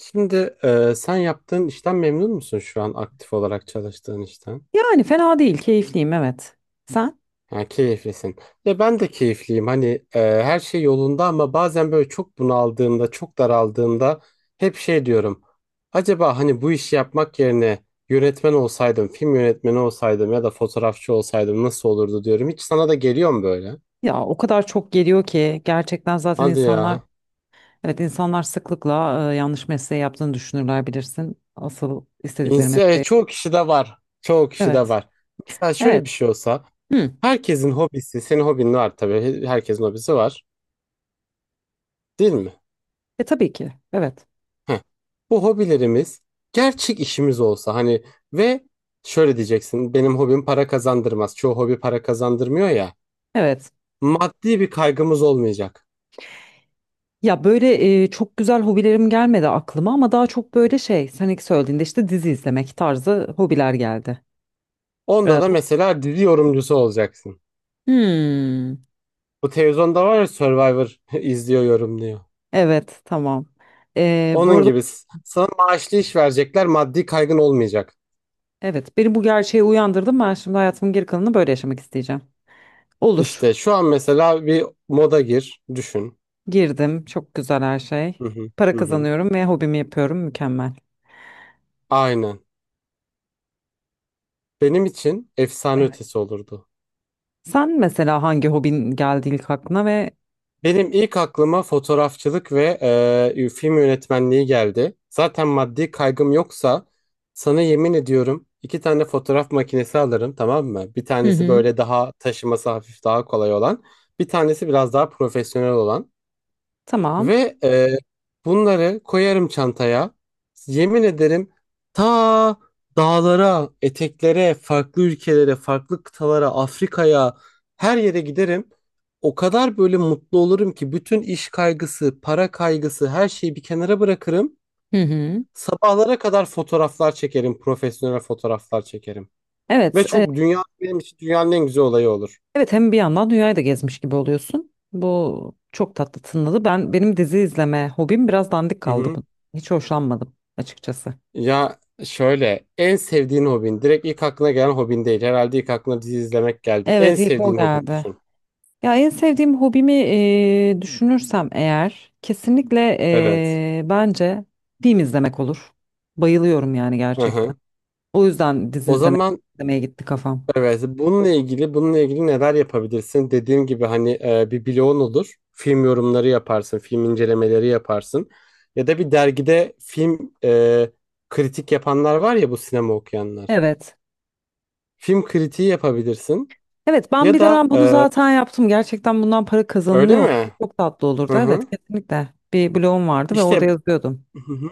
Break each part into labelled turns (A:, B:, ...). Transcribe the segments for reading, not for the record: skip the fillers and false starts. A: Şimdi sen yaptığın işten memnun musun şu an aktif olarak çalıştığın işten?
B: Yani fena değil, keyifliyim, evet. Sen?
A: Ha, keyiflisin. Ya ben de keyifliyim. Hani her şey yolunda ama bazen böyle çok bunaldığımda, çok daraldığımda hep şey diyorum. Acaba hani bu işi yapmak yerine yönetmen olsaydım, film yönetmeni olsaydım ya da fotoğrafçı olsaydım nasıl olurdu diyorum. Hiç sana da geliyor mu böyle?
B: Ya o kadar çok geliyor ki gerçekten. Zaten
A: Hadi
B: insanlar,
A: ya.
B: evet, insanlar sıklıkla yanlış mesleği yaptığını düşünürler, bilirsin. Asıl istedikleri
A: İns e,
B: mesleği.
A: çoğu kişi de var. Çoğu kişi de
B: Evet.
A: var. Mesela şöyle
B: Evet.
A: bir şey olsa.
B: Hı.
A: Herkesin hobisi, senin hobin var tabii. Herkesin hobisi var, değil mi?
B: E tabii ki. Evet.
A: Heh. Bu hobilerimiz gerçek işimiz olsa hani, ve şöyle diyeceksin, benim hobim para kazandırmaz. Çoğu hobi para kazandırmıyor ya.
B: Evet.
A: Maddi bir kaygımız olmayacak.
B: Ya böyle çok güzel hobilerim gelmedi aklıma ama daha çok böyle şey, sen ilk söylediğinde işte dizi izlemek tarzı hobiler geldi.
A: Onda
B: E,
A: da
B: bu-
A: mesela dizi yorumcusu olacaksın.
B: Hmm.
A: Bu televizyonda var ya Survivor izliyor, yorumluyor.
B: Evet, tamam. Bu
A: Onun
B: arada,
A: gibi sana maaşlı iş verecekler, maddi kaygın olmayacak.
B: evet, beni bu gerçeğe uyandırdım. Ben şimdi hayatımın geri kalanını böyle yaşamak isteyeceğim. Olur.
A: İşte şu an mesela bir moda gir, düşün.
B: Girdim. Çok güzel her şey.
A: Hı hı,
B: Para
A: hı hı.
B: kazanıyorum ve hobimi yapıyorum. Mükemmel.
A: Aynen. Benim için efsane
B: Evet.
A: ötesi olurdu.
B: Sen mesela hangi hobin geldi ilk aklına ve...
A: Benim ilk aklıma fotoğrafçılık ve film yönetmenliği geldi. Zaten maddi kaygım yoksa sana yemin ediyorum iki tane fotoğraf makinesi alırım, tamam mı? Bir
B: Hı
A: tanesi
B: hı.
A: böyle daha taşıması hafif daha kolay olan. Bir tanesi biraz daha profesyonel olan.
B: Tamam.
A: Ve bunları koyarım çantaya. Yemin ederim ta dağlara, eteklere, farklı ülkelere, farklı kıtalara, Afrika'ya her yere giderim. O kadar böyle mutlu olurum ki bütün iş kaygısı, para kaygısı, her şeyi bir kenara bırakırım.
B: Hı hı.
A: Sabahlara kadar fotoğraflar çekerim, profesyonel fotoğraflar çekerim. Ve
B: Evet,
A: çok, dünya benim için dünyanın en güzel olayı olur.
B: evet, hem bir yandan dünyayı da gezmiş gibi oluyorsun. Bu çok tatlı tınladı. Benim dizi izleme hobim biraz dandik kaldı
A: Mhm.
B: bu. Hiç hoşlanmadım açıkçası.
A: Ya şöyle, en sevdiğin hobin direkt ilk aklına gelen hobin değil. Herhalde ilk aklına dizi izlemek geldi. En
B: Evet, ilk o
A: sevdiğin hobin
B: geldi.
A: düşün.
B: Ya en sevdiğim hobimi düşünürsem eğer kesinlikle
A: Evet.
B: bence film izlemek olur. Bayılıyorum yani
A: Hı
B: gerçekten.
A: hı.
B: O yüzden dizi
A: O
B: izleme,
A: zaman
B: izlemeye gitti kafam.
A: evet, bununla ilgili neler yapabilirsin? Dediğim gibi hani bir blogun olur. Film yorumları yaparsın, film incelemeleri yaparsın. Ya da bir dergide film kritik yapanlar var ya, bu sinema okuyanlar.
B: Evet.
A: Film kritiği yapabilirsin.
B: Evet, ben
A: Ya
B: bir
A: da
B: dönem bunu zaten yaptım. Gerçekten bundan para
A: öyle
B: kazanılıyor olsa
A: mi?
B: çok tatlı olurdu.
A: Hı hı.
B: Evet, kesinlikle. Bir blogum vardı ve
A: İşte.
B: orada yazıyordum.
A: Hı hı.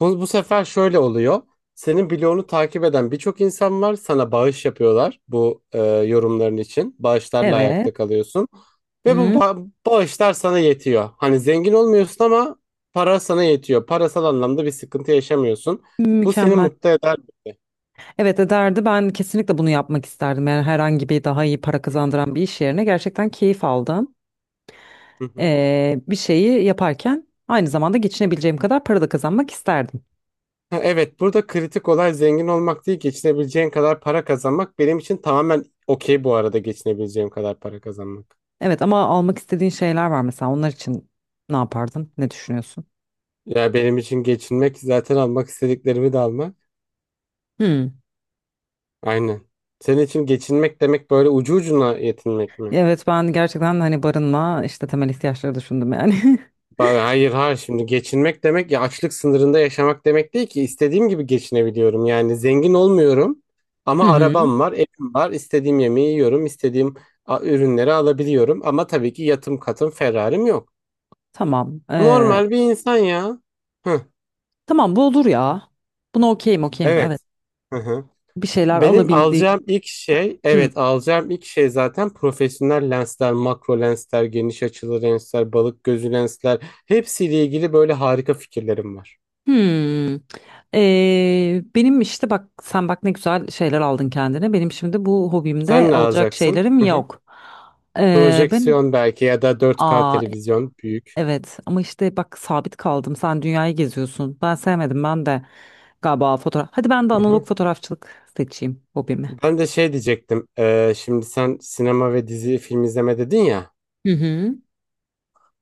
A: Bu sefer şöyle oluyor. Senin bloğunu takip eden birçok insan var. Sana bağış yapıyorlar bu yorumların için. Bağışlarla
B: Evet.
A: ayakta kalıyorsun. Ve bu
B: Hı,
A: bağışlar sana yetiyor. Hani zengin olmuyorsun ama para sana yetiyor. Parasal anlamda bir sıkıntı yaşamıyorsun. Bu seni
B: mükemmel.
A: mutlu eder bence.
B: Evet, ederdi. Ben kesinlikle bunu yapmak isterdim. Yani herhangi bir daha iyi para kazandıran bir iş yerine gerçekten keyif aldım.
A: Hı hı.
B: Bir şeyi yaparken aynı zamanda geçinebileceğim kadar para da kazanmak isterdim.
A: Ha, evet, burada kritik olay zengin olmak değil, geçinebileceğin kadar para kazanmak. Benim için tamamen okey bu arada, geçinebileceğim kadar para kazanmak.
B: Evet ama almak istediğin şeyler var mesela, onlar için ne yapardın? Ne düşünüyorsun?
A: Ya benim için geçinmek zaten almak istediklerimi de almak.
B: Hmm.
A: Aynen. Senin için geçinmek demek böyle ucu ucuna yetinmek mi?
B: Evet, ben gerçekten hani barınma, işte temel ihtiyaçları düşündüm yani.
A: Hayır, hayır, şimdi geçinmek demek ya açlık sınırında yaşamak demek değil ki, istediğim gibi geçinebiliyorum. Yani zengin olmuyorum
B: Hı
A: ama
B: hı.
A: arabam var, evim var, istediğim yemeği yiyorum, istediğim ürünleri alabiliyorum ama tabii ki yatım katım Ferrari'm yok.
B: Tamam.
A: Normal bir insan ya. Hı,
B: Tamam, bu olur ya. Buna okeyim, okeyim, evet.
A: evet. Hı hı.
B: Bir şeyler
A: Benim
B: alabildiğim.
A: alacağım ilk şey,
B: Hı.
A: evet alacağım ilk şey, zaten profesyonel lensler, makro lensler, geniş açılı lensler, balık gözü lensler. Hepsiyle ilgili böyle harika fikirlerim var.
B: Hmm. Benim, işte bak, sen bak ne güzel şeyler aldın kendine. Benim şimdi bu
A: Sen
B: hobimde
A: ne
B: alacak
A: alacaksın?
B: şeylerim
A: Hı hı.
B: yok. Ben
A: Projeksiyon belki, ya da 4K
B: aa,
A: televizyon büyük.
B: evet ama işte bak, sabit kaldım. Sen dünyayı geziyorsun. Ben sevmedim, ben de galiba fotoğraf. Hadi ben de
A: Hı
B: analog
A: hı.
B: fotoğrafçılık seçeyim hobimi.
A: Ben de şey diyecektim. Şimdi sen sinema ve dizi film izleme dedin ya.
B: Hı hı.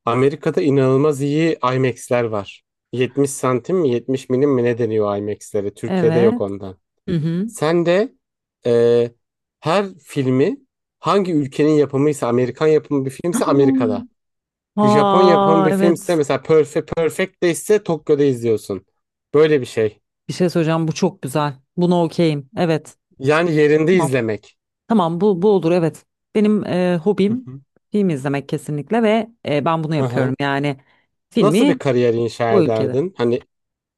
A: Amerika'da inanılmaz iyi IMAX'ler var. 70 santim mi, 70 milim mi, ne deniyor IMAX'lere? Türkiye'de yok
B: Evet.
A: ondan.
B: Hı hı.
A: Sen de e, her filmi, hangi ülkenin yapımıysa, Amerikan yapımı bir filmse
B: Hmm.
A: Amerika'da. Japon yapımı
B: Aa
A: bir filmse
B: evet.
A: mesela Perfect, Perfect de ise Tokyo'da izliyorsun. Böyle bir şey.
B: Bir şey söyleyeceğim, bu çok güzel. Buna okeyim. Evet.
A: Yani yerinde izlemek.
B: Tamam, bu bu olur, evet. Benim
A: Hı
B: hobim
A: hı.
B: film izlemek kesinlikle ve ben bunu
A: Hı
B: yapıyorum.
A: hı.
B: Yani
A: Nasıl bir
B: filmi
A: kariyer inşa
B: bu ülkede.
A: ederdin? Hani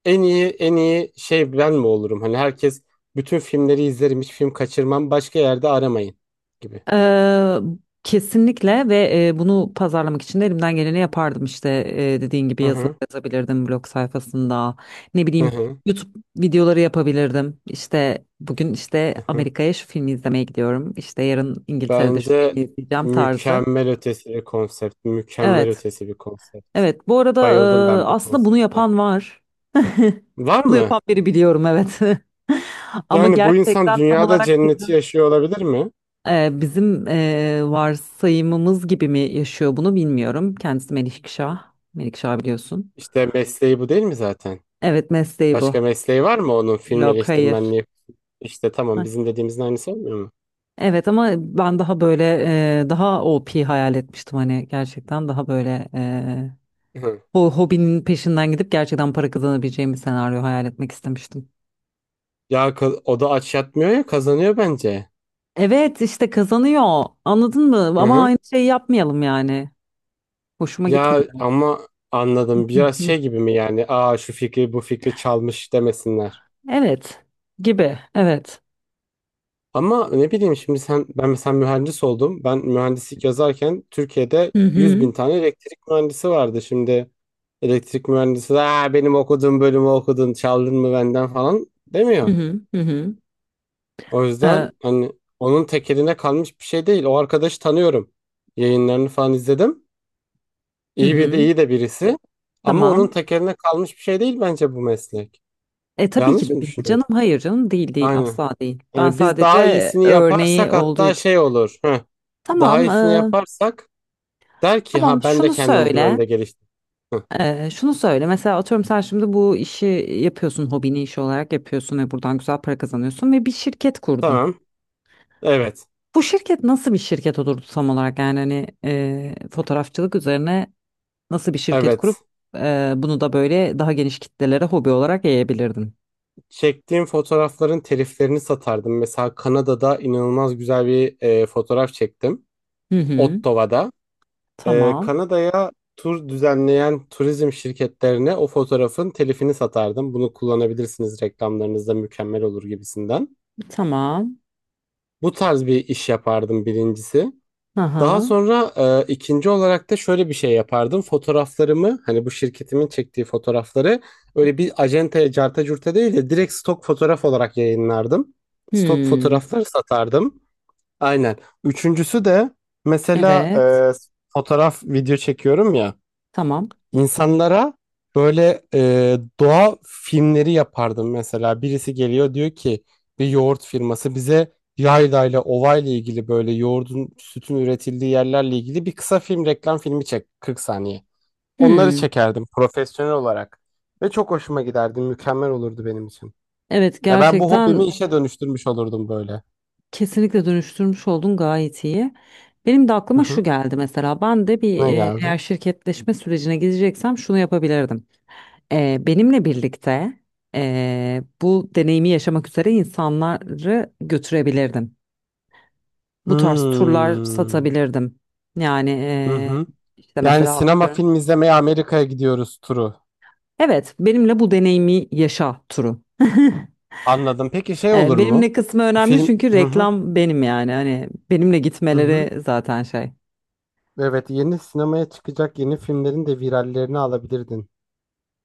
A: en iyi şey ben mi olurum? Hani herkes bütün filmleri izlerim, hiç film kaçırmam, başka yerde aramayın gibi.
B: Ee, Kesinlikle ve bunu pazarlamak için de elimden geleni yapardım işte, dediğin gibi
A: Hı
B: yazılar
A: hı.
B: yazabilirdim blog sayfasında, ne
A: Hı
B: bileyim,
A: hı.
B: YouTube videoları yapabilirdim. İşte bugün işte
A: Hı hı.
B: Amerika'ya şu filmi izlemeye gidiyorum, işte yarın İngiltere'de şu
A: Bence
B: filmi izleyeceğim tarzı.
A: mükemmel ötesi bir konsept. Mükemmel
B: Evet,
A: ötesi bir konsept.
B: evet, bu arada
A: Bayıldım ben bu
B: aslında bunu
A: konsepte.
B: yapan var.
A: Var
B: Bunu
A: mı?
B: yapan biri biliyorum, evet. Ama
A: Yani bu insan
B: gerçekten tam
A: dünyada
B: olarak
A: cenneti
B: bizim
A: yaşıyor olabilir mi?
B: bizim varsayımımız gibi mi yaşıyor bunu bilmiyorum. Kendisi Melikşah. Melikşah biliyorsun.
A: İşte mesleği bu değil mi zaten?
B: Evet, mesleği bu.
A: Başka mesleği var mı onun, film
B: Yok, hayır.
A: eleştirmenliği? İşte
B: Heh.
A: tamam, bizim dediğimizin aynısı olmuyor mu?
B: Evet ama ben daha böyle daha OP hayal etmiştim hani gerçekten, daha böyle
A: Hı.
B: o hobinin peşinden gidip gerçekten para kazanabileceğim bir senaryo hayal etmek istemiştim.
A: Ya o da aç yatmıyor ya, kazanıyor bence.
B: Evet, işte kazanıyor, anladın mı?
A: Hı
B: Ama
A: hı.
B: aynı şeyi yapmayalım yani. Hoşuma
A: Ya
B: gitmedi.
A: ama anladım,
B: Hı
A: biraz
B: hı.
A: şey gibi mi yani? Aa, şu fikri bu fikri çalmış demesinler.
B: Evet, gibi, evet.
A: Ama ne bileyim, şimdi sen, ben mesela mühendis oldum. Ben mühendislik yazarken Türkiye'de
B: Hı
A: 100
B: hı.
A: bin tane elektrik mühendisi vardı. Şimdi elektrik mühendisi, aa, benim okuduğum bölümü okudun, çaldın mı benden falan
B: Hı
A: demiyor.
B: hı. Hı hı.
A: O yüzden
B: Ee,
A: hani, onun tekeline kalmış bir şey değil. O arkadaşı tanıyorum. Yayınlarını falan izledim.
B: hı
A: İyi bir de,
B: hı.
A: iyi de birisi. Ama onun
B: Tamam.
A: tekeline kalmış bir şey değil bence bu meslek.
B: E tabii ki
A: Yanlış
B: de
A: mı
B: değil
A: düşünüyorum?
B: canım. Hayır canım, değil değil,
A: Aynen.
B: asla değil. Ben
A: Yani biz daha
B: sadece
A: iyisini
B: örneği
A: yaparsak
B: olduğu
A: hatta
B: için.
A: şey olur. Heh. Daha
B: Tamam. e,
A: iyisini yaparsak der ki,
B: tamam
A: ha, ben de
B: şunu
A: kendim bu
B: söyle.
A: yönde geliştim. Heh.
B: Şunu söyle. Mesela atıyorum sen şimdi bu işi yapıyorsun. Hobini iş olarak yapıyorsun ve buradan güzel para kazanıyorsun ve bir şirket kurdun.
A: Tamam. Evet.
B: Bu şirket nasıl bir şirket olurdu tam olarak, yani hani fotoğrafçılık üzerine. Nasıl bir şirket
A: Evet.
B: kurup bunu da böyle daha geniş kitlelere hobi olarak yayabilirdin.
A: Çektiğim fotoğrafların teliflerini satardım. Mesela Kanada'da inanılmaz güzel bir fotoğraf çektim.
B: Hı hı.
A: Ottawa'da.
B: Tamam.
A: Kanada'ya tur düzenleyen turizm şirketlerine o fotoğrafın telifini satardım. Bunu kullanabilirsiniz reklamlarınızda, mükemmel olur gibisinden.
B: Tamam.
A: Bu tarz bir iş yapardım birincisi. Daha
B: Aha.
A: sonra ikinci olarak da şöyle bir şey yapardım. Fotoğraflarımı, hani bu şirketimin çektiği fotoğrafları, öyle bir acentaya carta curta değil de direkt stok fotoğraf olarak yayınlardım. Stok
B: Hmm.
A: fotoğrafları satardım. Aynen. Üçüncüsü de mesela
B: Evet.
A: fotoğraf video çekiyorum ya.
B: Tamam.
A: İnsanlara böyle doğa filmleri yapardım mesela. Birisi geliyor diyor ki, bir yoğurt firması, bize yaylayla, ovayla ilgili, böyle yoğurdun, sütün üretildiği yerlerle ilgili bir kısa film, reklam filmi çek 40 saniye. Onları
B: Hmm.
A: çekerdim profesyonel olarak ve çok hoşuma giderdi. Mükemmel olurdu benim için.
B: Evet,
A: Ya ben bu
B: gerçekten
A: hobimi işe dönüştürmüş olurdum böyle.
B: kesinlikle dönüştürmüş oldun, gayet iyi. Benim de
A: Hı
B: aklıma şu
A: hı.
B: geldi mesela. Ben de bir,
A: Ne geldi?
B: eğer şirketleşme sürecine gideceksem şunu yapabilirdim. Benimle birlikte bu deneyimi yaşamak üzere insanları götürebilirdim. Bu tarz turlar
A: Hmm.
B: satabilirdim. Yani
A: Hı hı.
B: işte
A: Yani
B: mesela
A: sinema,
B: atıyorum.
A: film izlemeye Amerika'ya gidiyoruz turu.
B: Evet, benimle bu deneyimi yaşa turu.
A: Anladım. Peki şey olur mu?
B: Benimle kısmı önemli
A: Film.
B: çünkü
A: Hı hı.
B: reklam benim yani. Hani benimle
A: Hı hı.
B: gitmeleri zaten şey.
A: Evet, yeni sinemaya çıkacak yeni filmlerin de virallerini alabilirdin.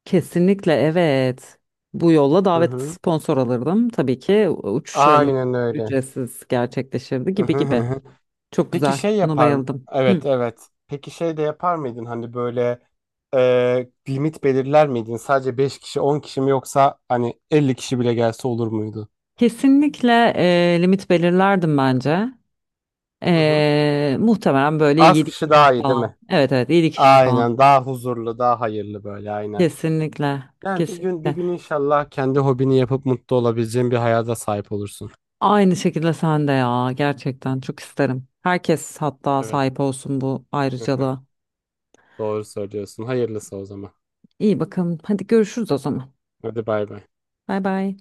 B: Kesinlikle, evet. Bu yolla
A: Hı
B: davet,
A: hı.
B: sponsor alırdım. Tabii ki uçuşlarımız
A: Aynen öyle.
B: ücretsiz gerçekleşirdi,
A: Hı
B: gibi
A: hı hı,
B: gibi.
A: hı.
B: Çok
A: Peki
B: güzel. Buna bayıldım. Hı.
A: evet, evet. Peki şey de yapar mıydın, hani böyle limit belirler miydin? Sadece 5 kişi, 10 kişi mi, yoksa hani 50 kişi bile gelse olur muydu?
B: Kesinlikle limit belirlerdim bence.
A: Hı hı.
B: Muhtemelen böyle
A: Az
B: 7
A: kişi
B: kişi
A: daha iyi değil
B: falan.
A: mi?
B: Evet, evet, 7 kişi falan.
A: Aynen, daha huzurlu, daha hayırlı böyle, aynen.
B: Kesinlikle.
A: Yani bir gün, bir
B: Kesinlikle.
A: gün inşallah kendi hobini yapıp mutlu olabileceğin bir hayata sahip olursun.
B: Aynı şekilde sen de ya.
A: Hı,
B: Gerçekten çok isterim. Herkes hatta
A: evet.
B: sahip olsun bu
A: Hı hı.
B: ayrıcalığa.
A: Doğru söylüyorsun. Hayırlısı o zaman.
B: İyi bakalım. Hadi görüşürüz o zaman.
A: Hadi bay bay.
B: Bay bay.